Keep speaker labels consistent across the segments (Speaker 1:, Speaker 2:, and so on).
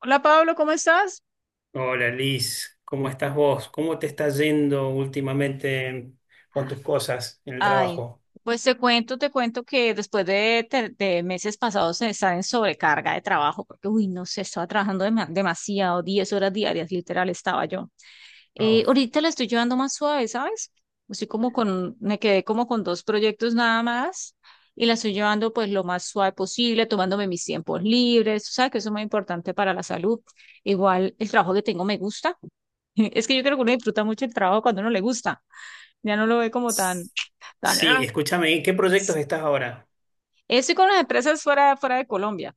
Speaker 1: Hola Pablo, ¿cómo estás?
Speaker 2: Hola Liz, ¿cómo estás vos? ¿Cómo te está yendo últimamente con tus cosas en el
Speaker 1: Ay,
Speaker 2: trabajo?
Speaker 1: pues te cuento, que de meses pasados de estar en sobrecarga de trabajo, porque, uy, no sé, estaba trabajando demasiado, 10 horas diarias, literal, estaba yo.
Speaker 2: Uf.
Speaker 1: Ahorita la estoy llevando más suave, ¿sabes? Estoy como con, me quedé como con dos proyectos nada más y la estoy llevando pues lo más suave posible, tomándome mis tiempos libres, tú sabes que eso es muy importante para la salud. Igual el trabajo que tengo me gusta. Es que yo creo que uno disfruta mucho el trabajo cuando no le gusta. Ya no lo ve como tan, tan...
Speaker 2: Sí,
Speaker 1: ah.
Speaker 2: escúchame, ¿en qué proyectos estás ahora?
Speaker 1: Eso con las empresas fuera de Colombia,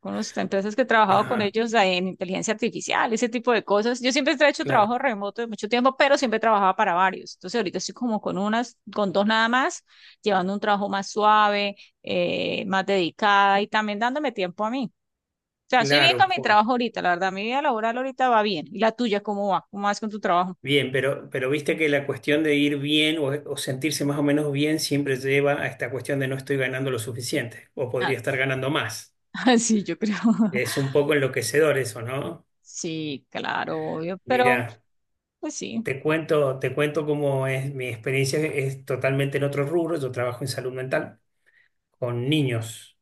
Speaker 1: con las empresas que he trabajado con
Speaker 2: Ajá,
Speaker 1: ellos en inteligencia artificial, ese tipo de cosas. Yo siempre he hecho trabajo
Speaker 2: claro,
Speaker 1: remoto de mucho tiempo, pero siempre trabajaba para varios. Entonces ahorita estoy como con unas, con dos nada más, llevando un trabajo más suave, más dedicada y también dándome tiempo a mí. O sea, estoy bien
Speaker 2: claro,
Speaker 1: con mi
Speaker 2: por-
Speaker 1: trabajo ahorita, la verdad, mi vida laboral ahorita va bien. ¿Y la tuya cómo va? ¿Cómo vas con tu trabajo?
Speaker 2: bien, pero viste que la cuestión de ir bien o sentirse más o menos bien siempre lleva a esta cuestión de no estoy ganando lo suficiente o
Speaker 1: Ah,
Speaker 2: podría estar ganando más.
Speaker 1: sí, yo creo.
Speaker 2: Es un poco enloquecedor eso, ¿no?
Speaker 1: Sí, claro, obvio, pero
Speaker 2: Mirá.
Speaker 1: pues sí.
Speaker 2: Te cuento cómo es mi experiencia, es totalmente en otro rubro. Yo trabajo en salud mental con niños,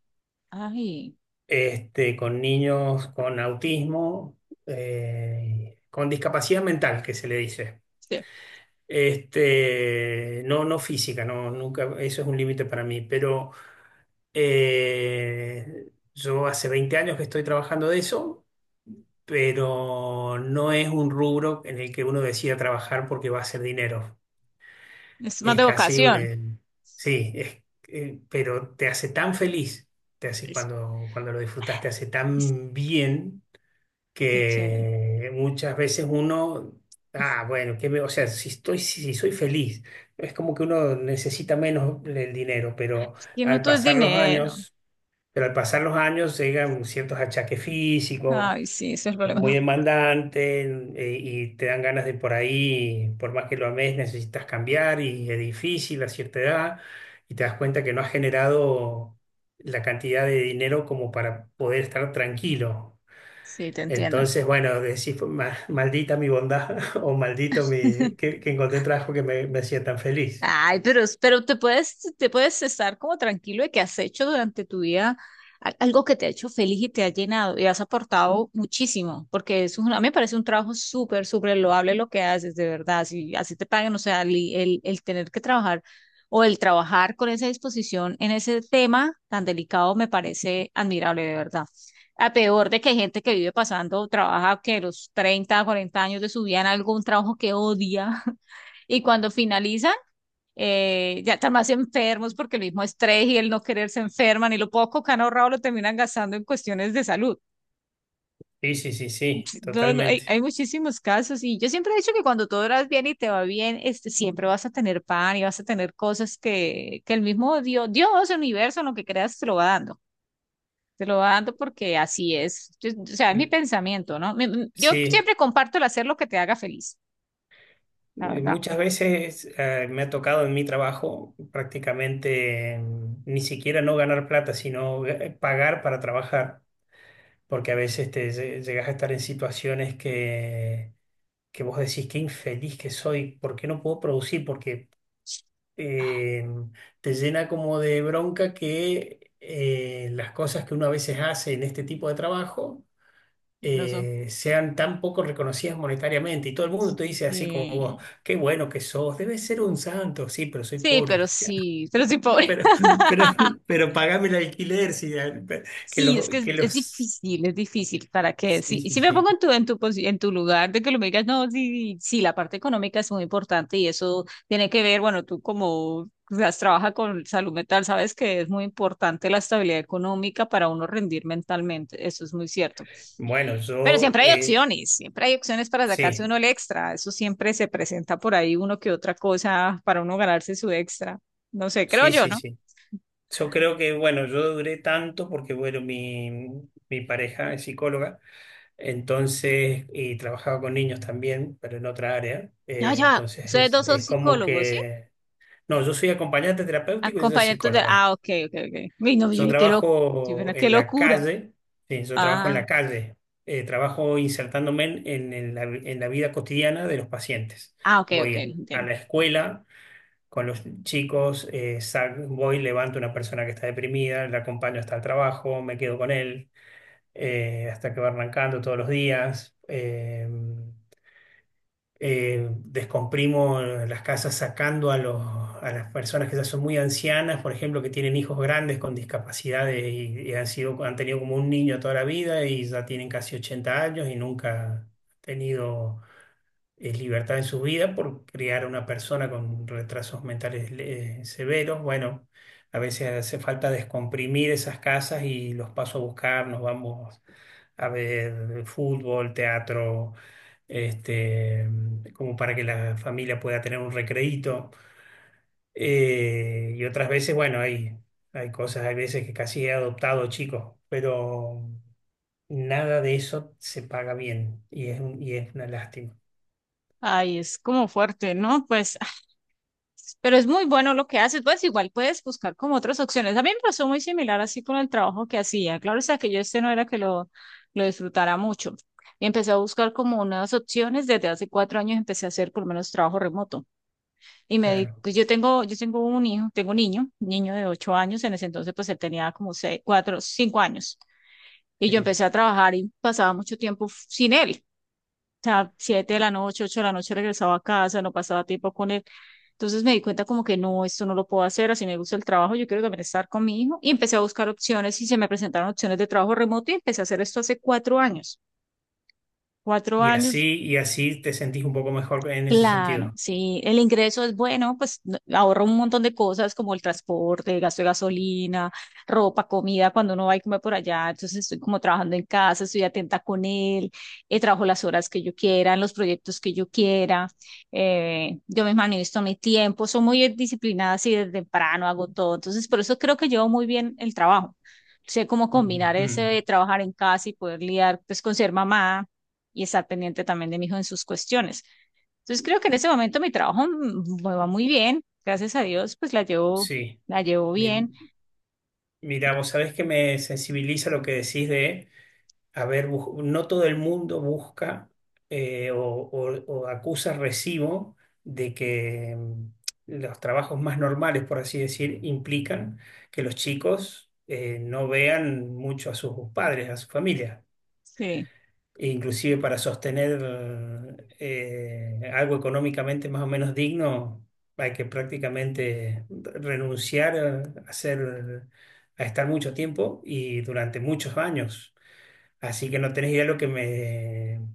Speaker 1: Ay,
Speaker 2: con niños con autismo, con discapacidad mental, que se le dice.
Speaker 1: sí,
Speaker 2: No, no física, no, nunca, eso es un límite para mí, pero eh, yo hace 20 años que estoy trabajando de eso, pero no es un rubro en el que uno decida trabajar porque va a hacer dinero.
Speaker 1: es más
Speaker 2: Es
Speaker 1: de
Speaker 2: casi,
Speaker 1: vocación.
Speaker 2: sí, es, pero te hace tan feliz, te hace
Speaker 1: Es,
Speaker 2: cuando lo disfrutas, te hace
Speaker 1: es-
Speaker 2: tan bien
Speaker 1: Qué chévere.
Speaker 2: que muchas veces uno, ah, bueno, que me, o sea, si estoy, si, si soy feliz, es como que uno necesita menos el dinero,
Speaker 1: Ay,
Speaker 2: pero
Speaker 1: es que no
Speaker 2: al
Speaker 1: todo es
Speaker 2: pasar los
Speaker 1: dinero.
Speaker 2: años, pero al pasar los años llegan ciertos achaques físicos,
Speaker 1: Ay, sí, ese es el
Speaker 2: es muy
Speaker 1: problema.
Speaker 2: demandante y te dan ganas de por ahí, por más que lo ames, necesitas cambiar y es difícil a cierta edad y te das cuenta que no has generado la cantidad de dinero como para poder estar tranquilo.
Speaker 1: Sí, te entiendo.
Speaker 2: Entonces, bueno, decís, maldita mi bondad o maldito mi, que encontré trabajo que me hacía tan feliz.
Speaker 1: Ay, pero, pero te puedes estar como tranquilo de que has hecho durante tu vida algo que te ha hecho feliz y te ha llenado y has aportado muchísimo, porque a mí me parece un trabajo súper, súper loable lo que haces, de verdad. Si así te pagan, o sea, el tener que trabajar o el trabajar con esa disposición en ese tema tan delicado me parece admirable, de verdad. A peor de que hay gente que vive pasando, trabaja que los 30, 40 años de su vida en algún trabajo que odia y cuando finaliza ya están más enfermos porque el mismo estrés y el no querer se enferman y lo poco que han ahorrado lo terminan gastando en cuestiones de salud.
Speaker 2: Sí, sí, sí, sí,
Speaker 1: Sí, No, no, hay,
Speaker 2: totalmente.
Speaker 1: hay muchísimos casos y yo siempre he dicho que cuando todo vas bien y te va bien, este, siempre vas a tener pan y vas a tener cosas que el mismo Dios, el universo, lo que creas, te lo va dando. Te lo va dando porque así es. O sea, es mi
Speaker 2: L-
Speaker 1: pensamiento, ¿no? Yo
Speaker 2: Sí.
Speaker 1: siempre comparto el hacer lo que te haga feliz, la verdad.
Speaker 2: Muchas veces me ha tocado en mi trabajo prácticamente ni siquiera no ganar plata, sino pagar para trabajar, porque a veces te llegas a estar en situaciones que vos decís qué infeliz que soy, ¿por qué no puedo producir? Porque eh, te llena como de bronca que las cosas que uno a veces hace en este tipo de trabajo
Speaker 1: No son.
Speaker 2: sean tan poco reconocidas monetariamente. Y todo el mundo te dice así como
Speaker 1: eh,
Speaker 2: vos, qué bueno que sos, debes ser un santo. Sí, pero soy
Speaker 1: Sí,
Speaker 2: pobre. Le
Speaker 1: pero
Speaker 2: decía.
Speaker 1: sí, pero sí pobre.
Speaker 2: Pero, pero, pero pagame el alquiler, sí, que
Speaker 1: Sí,
Speaker 2: los,
Speaker 1: es que
Speaker 2: que
Speaker 1: es
Speaker 2: los...
Speaker 1: difícil, es difícil. ¿Para qué?
Speaker 2: Sí,
Speaker 1: Si,
Speaker 2: sí,
Speaker 1: si me
Speaker 2: sí.
Speaker 1: pongo en tu, en tu lugar de que lo me digas, no, sí, sí, la parte económica es muy importante y eso tiene que ver, bueno, tú como has trabaja con salud mental, sabes que es muy importante la estabilidad económica para uno rendir mentalmente, eso es muy cierto.
Speaker 2: Bueno,
Speaker 1: Pero
Speaker 2: yo,
Speaker 1: siempre hay opciones para sacarse
Speaker 2: sí,
Speaker 1: uno el extra, eso siempre se presenta por ahí uno que otra cosa para uno ganarse su extra. No sé, creo
Speaker 2: sí,
Speaker 1: yo,
Speaker 2: sí,
Speaker 1: ¿no?
Speaker 2: sí. Yo creo que, bueno, yo duré tanto porque, bueno, mi pareja es psicóloga, entonces, y trabajaba con niños también, pero en otra área,
Speaker 1: Ya, ya,
Speaker 2: entonces
Speaker 1: ustedes dos son
Speaker 2: es como
Speaker 1: psicólogos,
Speaker 2: que no, yo soy acompañante terapéutico y soy
Speaker 1: acompañantes de
Speaker 2: psicóloga.
Speaker 1: Ah, ok, ok, ok. Uy, no, yo,
Speaker 2: Yo
Speaker 1: dije, qué loco
Speaker 2: trabajo
Speaker 1: qué
Speaker 2: en la
Speaker 1: locura.
Speaker 2: calle, sí, yo trabajo en
Speaker 1: Ah,
Speaker 2: la calle. Trabajo insertándome en la vida cotidiana de los pacientes.
Speaker 1: ah, ok, ok,
Speaker 2: Voy a
Speaker 1: entiendo.
Speaker 2: la escuela con los chicos, voy, levanto a una persona que está deprimida, la acompaño hasta el trabajo, me quedo con él, hasta que va arrancando todos los días. Descomprimo las casas sacando a a las personas que ya son muy ancianas, por ejemplo, que tienen hijos grandes con discapacidades y han sido, han tenido como un niño toda la vida y ya tienen casi 80 años y nunca han tenido libertad en su vida por criar a una persona con retrasos mentales severos. Bueno, a veces hace falta descomprimir esas casas y los paso a buscar, nos vamos a ver fútbol, teatro, este, como para que la familia pueda tener un recreíto. Y otras veces, bueno, hay cosas, hay veces que casi he adoptado chicos, pero nada de eso se paga bien y es una lástima,
Speaker 1: Ay, es como fuerte, ¿no? Pues, ah, pero es muy bueno lo que haces, pues igual puedes buscar como otras opciones. A mí me pasó muy similar así con el trabajo que hacía. Claro, o sea, que yo este no era que lo disfrutara mucho. Y empecé a buscar como unas opciones. Desde hace cuatro años empecé a hacer por lo menos trabajo remoto. Y me di,
Speaker 2: claro.
Speaker 1: pues yo tengo un hijo, tengo un niño, niño de 8 años. En ese entonces, pues él tenía como seis, cuatro, cinco años. Y yo
Speaker 2: Sí.
Speaker 1: empecé a trabajar y pasaba mucho tiempo sin él. O sea, siete de la noche, ocho de la noche regresaba a casa, no pasaba tiempo con él. Entonces me di cuenta como que no, esto no lo puedo hacer, así me gusta el trabajo, yo quiero también estar con mi hijo. Y empecé a buscar opciones y se me presentaron opciones de trabajo remoto y empecé a hacer esto hace cuatro años. Cuatro años
Speaker 2: Y así te sentís un poco mejor en ese
Speaker 1: claro,
Speaker 2: sentido.
Speaker 1: sí, el ingreso es bueno, pues ahorra un montón de cosas como el transporte, gasto de gasolina, ropa, comida, cuando uno va y come por allá, entonces estoy como trabajando en casa, estoy atenta con él, trabajo las horas que yo quiera, en los proyectos que yo quiera, yo me administro mi tiempo, soy muy disciplinada así desde temprano, hago todo, entonces por eso creo que llevo muy bien el trabajo, sé cómo combinar ese
Speaker 2: Ujú,
Speaker 1: de trabajar en casa y poder lidiar pues con ser mamá y estar pendiente también de mi hijo en sus cuestiones. Entonces creo que en ese momento mi trabajo me va muy bien, gracias a Dios, pues
Speaker 2: sí.
Speaker 1: la llevo bien.
Speaker 2: Mi- mira, vos sabés que me sensibiliza lo que decís de a ver, no todo el mundo busca o acusa recibo de que los trabajos más normales, por así decir, implican que los chicos no vean mucho a sus padres, a su familia.
Speaker 1: Sí.
Speaker 2: E inclusive para sostener algo económicamente más o menos digno, hay que prácticamente renunciar a estar mucho tiempo y durante muchos años. Así que no tenés idea lo que me,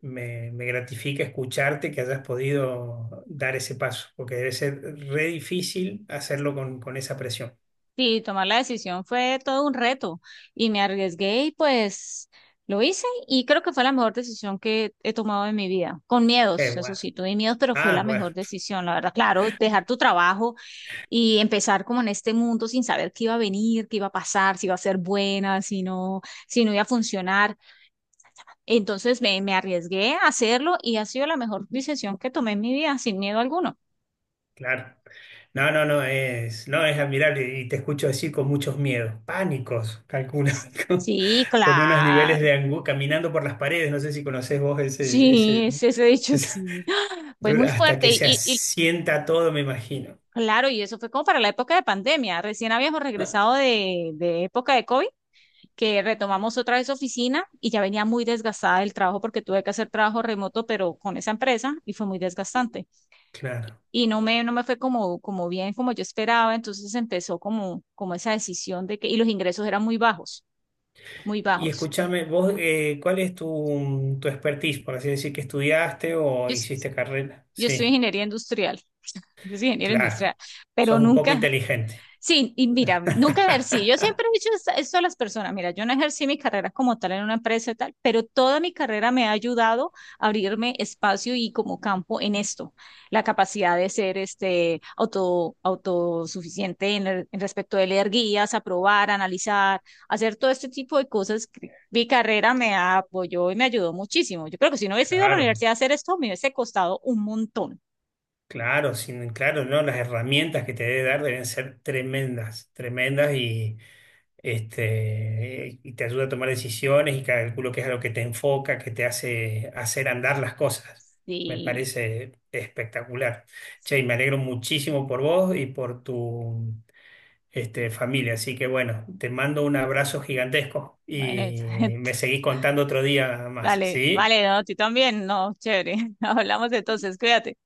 Speaker 2: me, me gratifica escucharte que hayas podido dar ese paso, porque debe ser re difícil hacerlo con esa presión.
Speaker 1: Sí, tomar la decisión fue todo un reto y me arriesgué y pues lo hice y creo que fue la mejor decisión que he tomado en mi vida, con
Speaker 2: Qué
Speaker 1: miedos, eso
Speaker 2: bueno.
Speaker 1: sí, tuve miedos, pero fue la
Speaker 2: Ah, bueno,
Speaker 1: mejor decisión, la verdad. Claro, dejar tu trabajo y empezar como en este mundo sin saber qué iba a venir, qué iba a pasar, si iba a ser buena, si no, si no iba a funcionar. Me arriesgué a hacerlo y ha sido la mejor decisión que tomé en mi vida, sin miedo alguno.
Speaker 2: claro. No, no, no, es, no, es admirable y te escucho decir con muchos miedos, pánicos, calculo, con,
Speaker 1: Sí,
Speaker 2: con unos
Speaker 1: claro.
Speaker 2: niveles de angustia, caminando por las paredes, no sé si conocés vos
Speaker 1: Sí,
Speaker 2: ese,
Speaker 1: ese dicho
Speaker 2: ese-
Speaker 1: sí. Fue muy
Speaker 2: hasta
Speaker 1: fuerte
Speaker 2: que
Speaker 1: y,
Speaker 2: se
Speaker 1: y
Speaker 2: asienta todo, me imagino.
Speaker 1: claro, y eso fue como para la época de pandemia. Recién habíamos regresado de época de COVID, que retomamos otra vez oficina y ya venía muy desgastada del trabajo porque tuve que hacer trabajo remoto, pero con esa empresa y fue muy desgastante.
Speaker 2: Claro.
Speaker 1: Y no me fue como, como bien como yo esperaba, entonces empezó como, como esa decisión de que, y los ingresos eran muy bajos, muy
Speaker 2: Y
Speaker 1: bajos.
Speaker 2: escúchame, vos, ¿cuál es tu, tu expertise, por así decir, que estudiaste o
Speaker 1: Yo, es-
Speaker 2: hiciste carrera?
Speaker 1: yo estoy
Speaker 2: Sí,
Speaker 1: ingeniería industrial, yo soy ingeniero
Speaker 2: claro.
Speaker 1: industrial, pero
Speaker 2: Sos un poco
Speaker 1: nunca,
Speaker 2: inteligente.
Speaker 1: sí, y mira, nunca ejercí. Yo siempre he dicho esto a las personas. Mira, yo no ejercí mi carrera como tal en una empresa y tal, pero toda mi carrera me ha ayudado a abrirme espacio y como campo en esto, la capacidad de ser este autosuficiente en, en respecto de leer guías, aprobar, analizar, hacer todo este tipo de cosas. Que mi carrera me apoyó y me ayudó muchísimo. Yo creo que si no hubiese ido a la
Speaker 2: Claro,
Speaker 1: universidad a hacer esto, me hubiese costado un montón.
Speaker 2: claro, sin, claro, ¿no? Las herramientas que te debe dar deben ser tremendas, tremendas y, y te ayuda a tomar decisiones y calculo que es a lo que te enfoca, que te hace hacer andar las cosas. Me
Speaker 1: Sí,
Speaker 2: parece espectacular. Che, y me alegro muchísimo por vos y por tu familia. Así que bueno, te mando un abrazo gigantesco
Speaker 1: bueno,
Speaker 2: y me seguís contando otro día más,
Speaker 1: vale
Speaker 2: ¿sí?
Speaker 1: vale, no, tú también, no, chévere. Hablamos entonces, cuídate.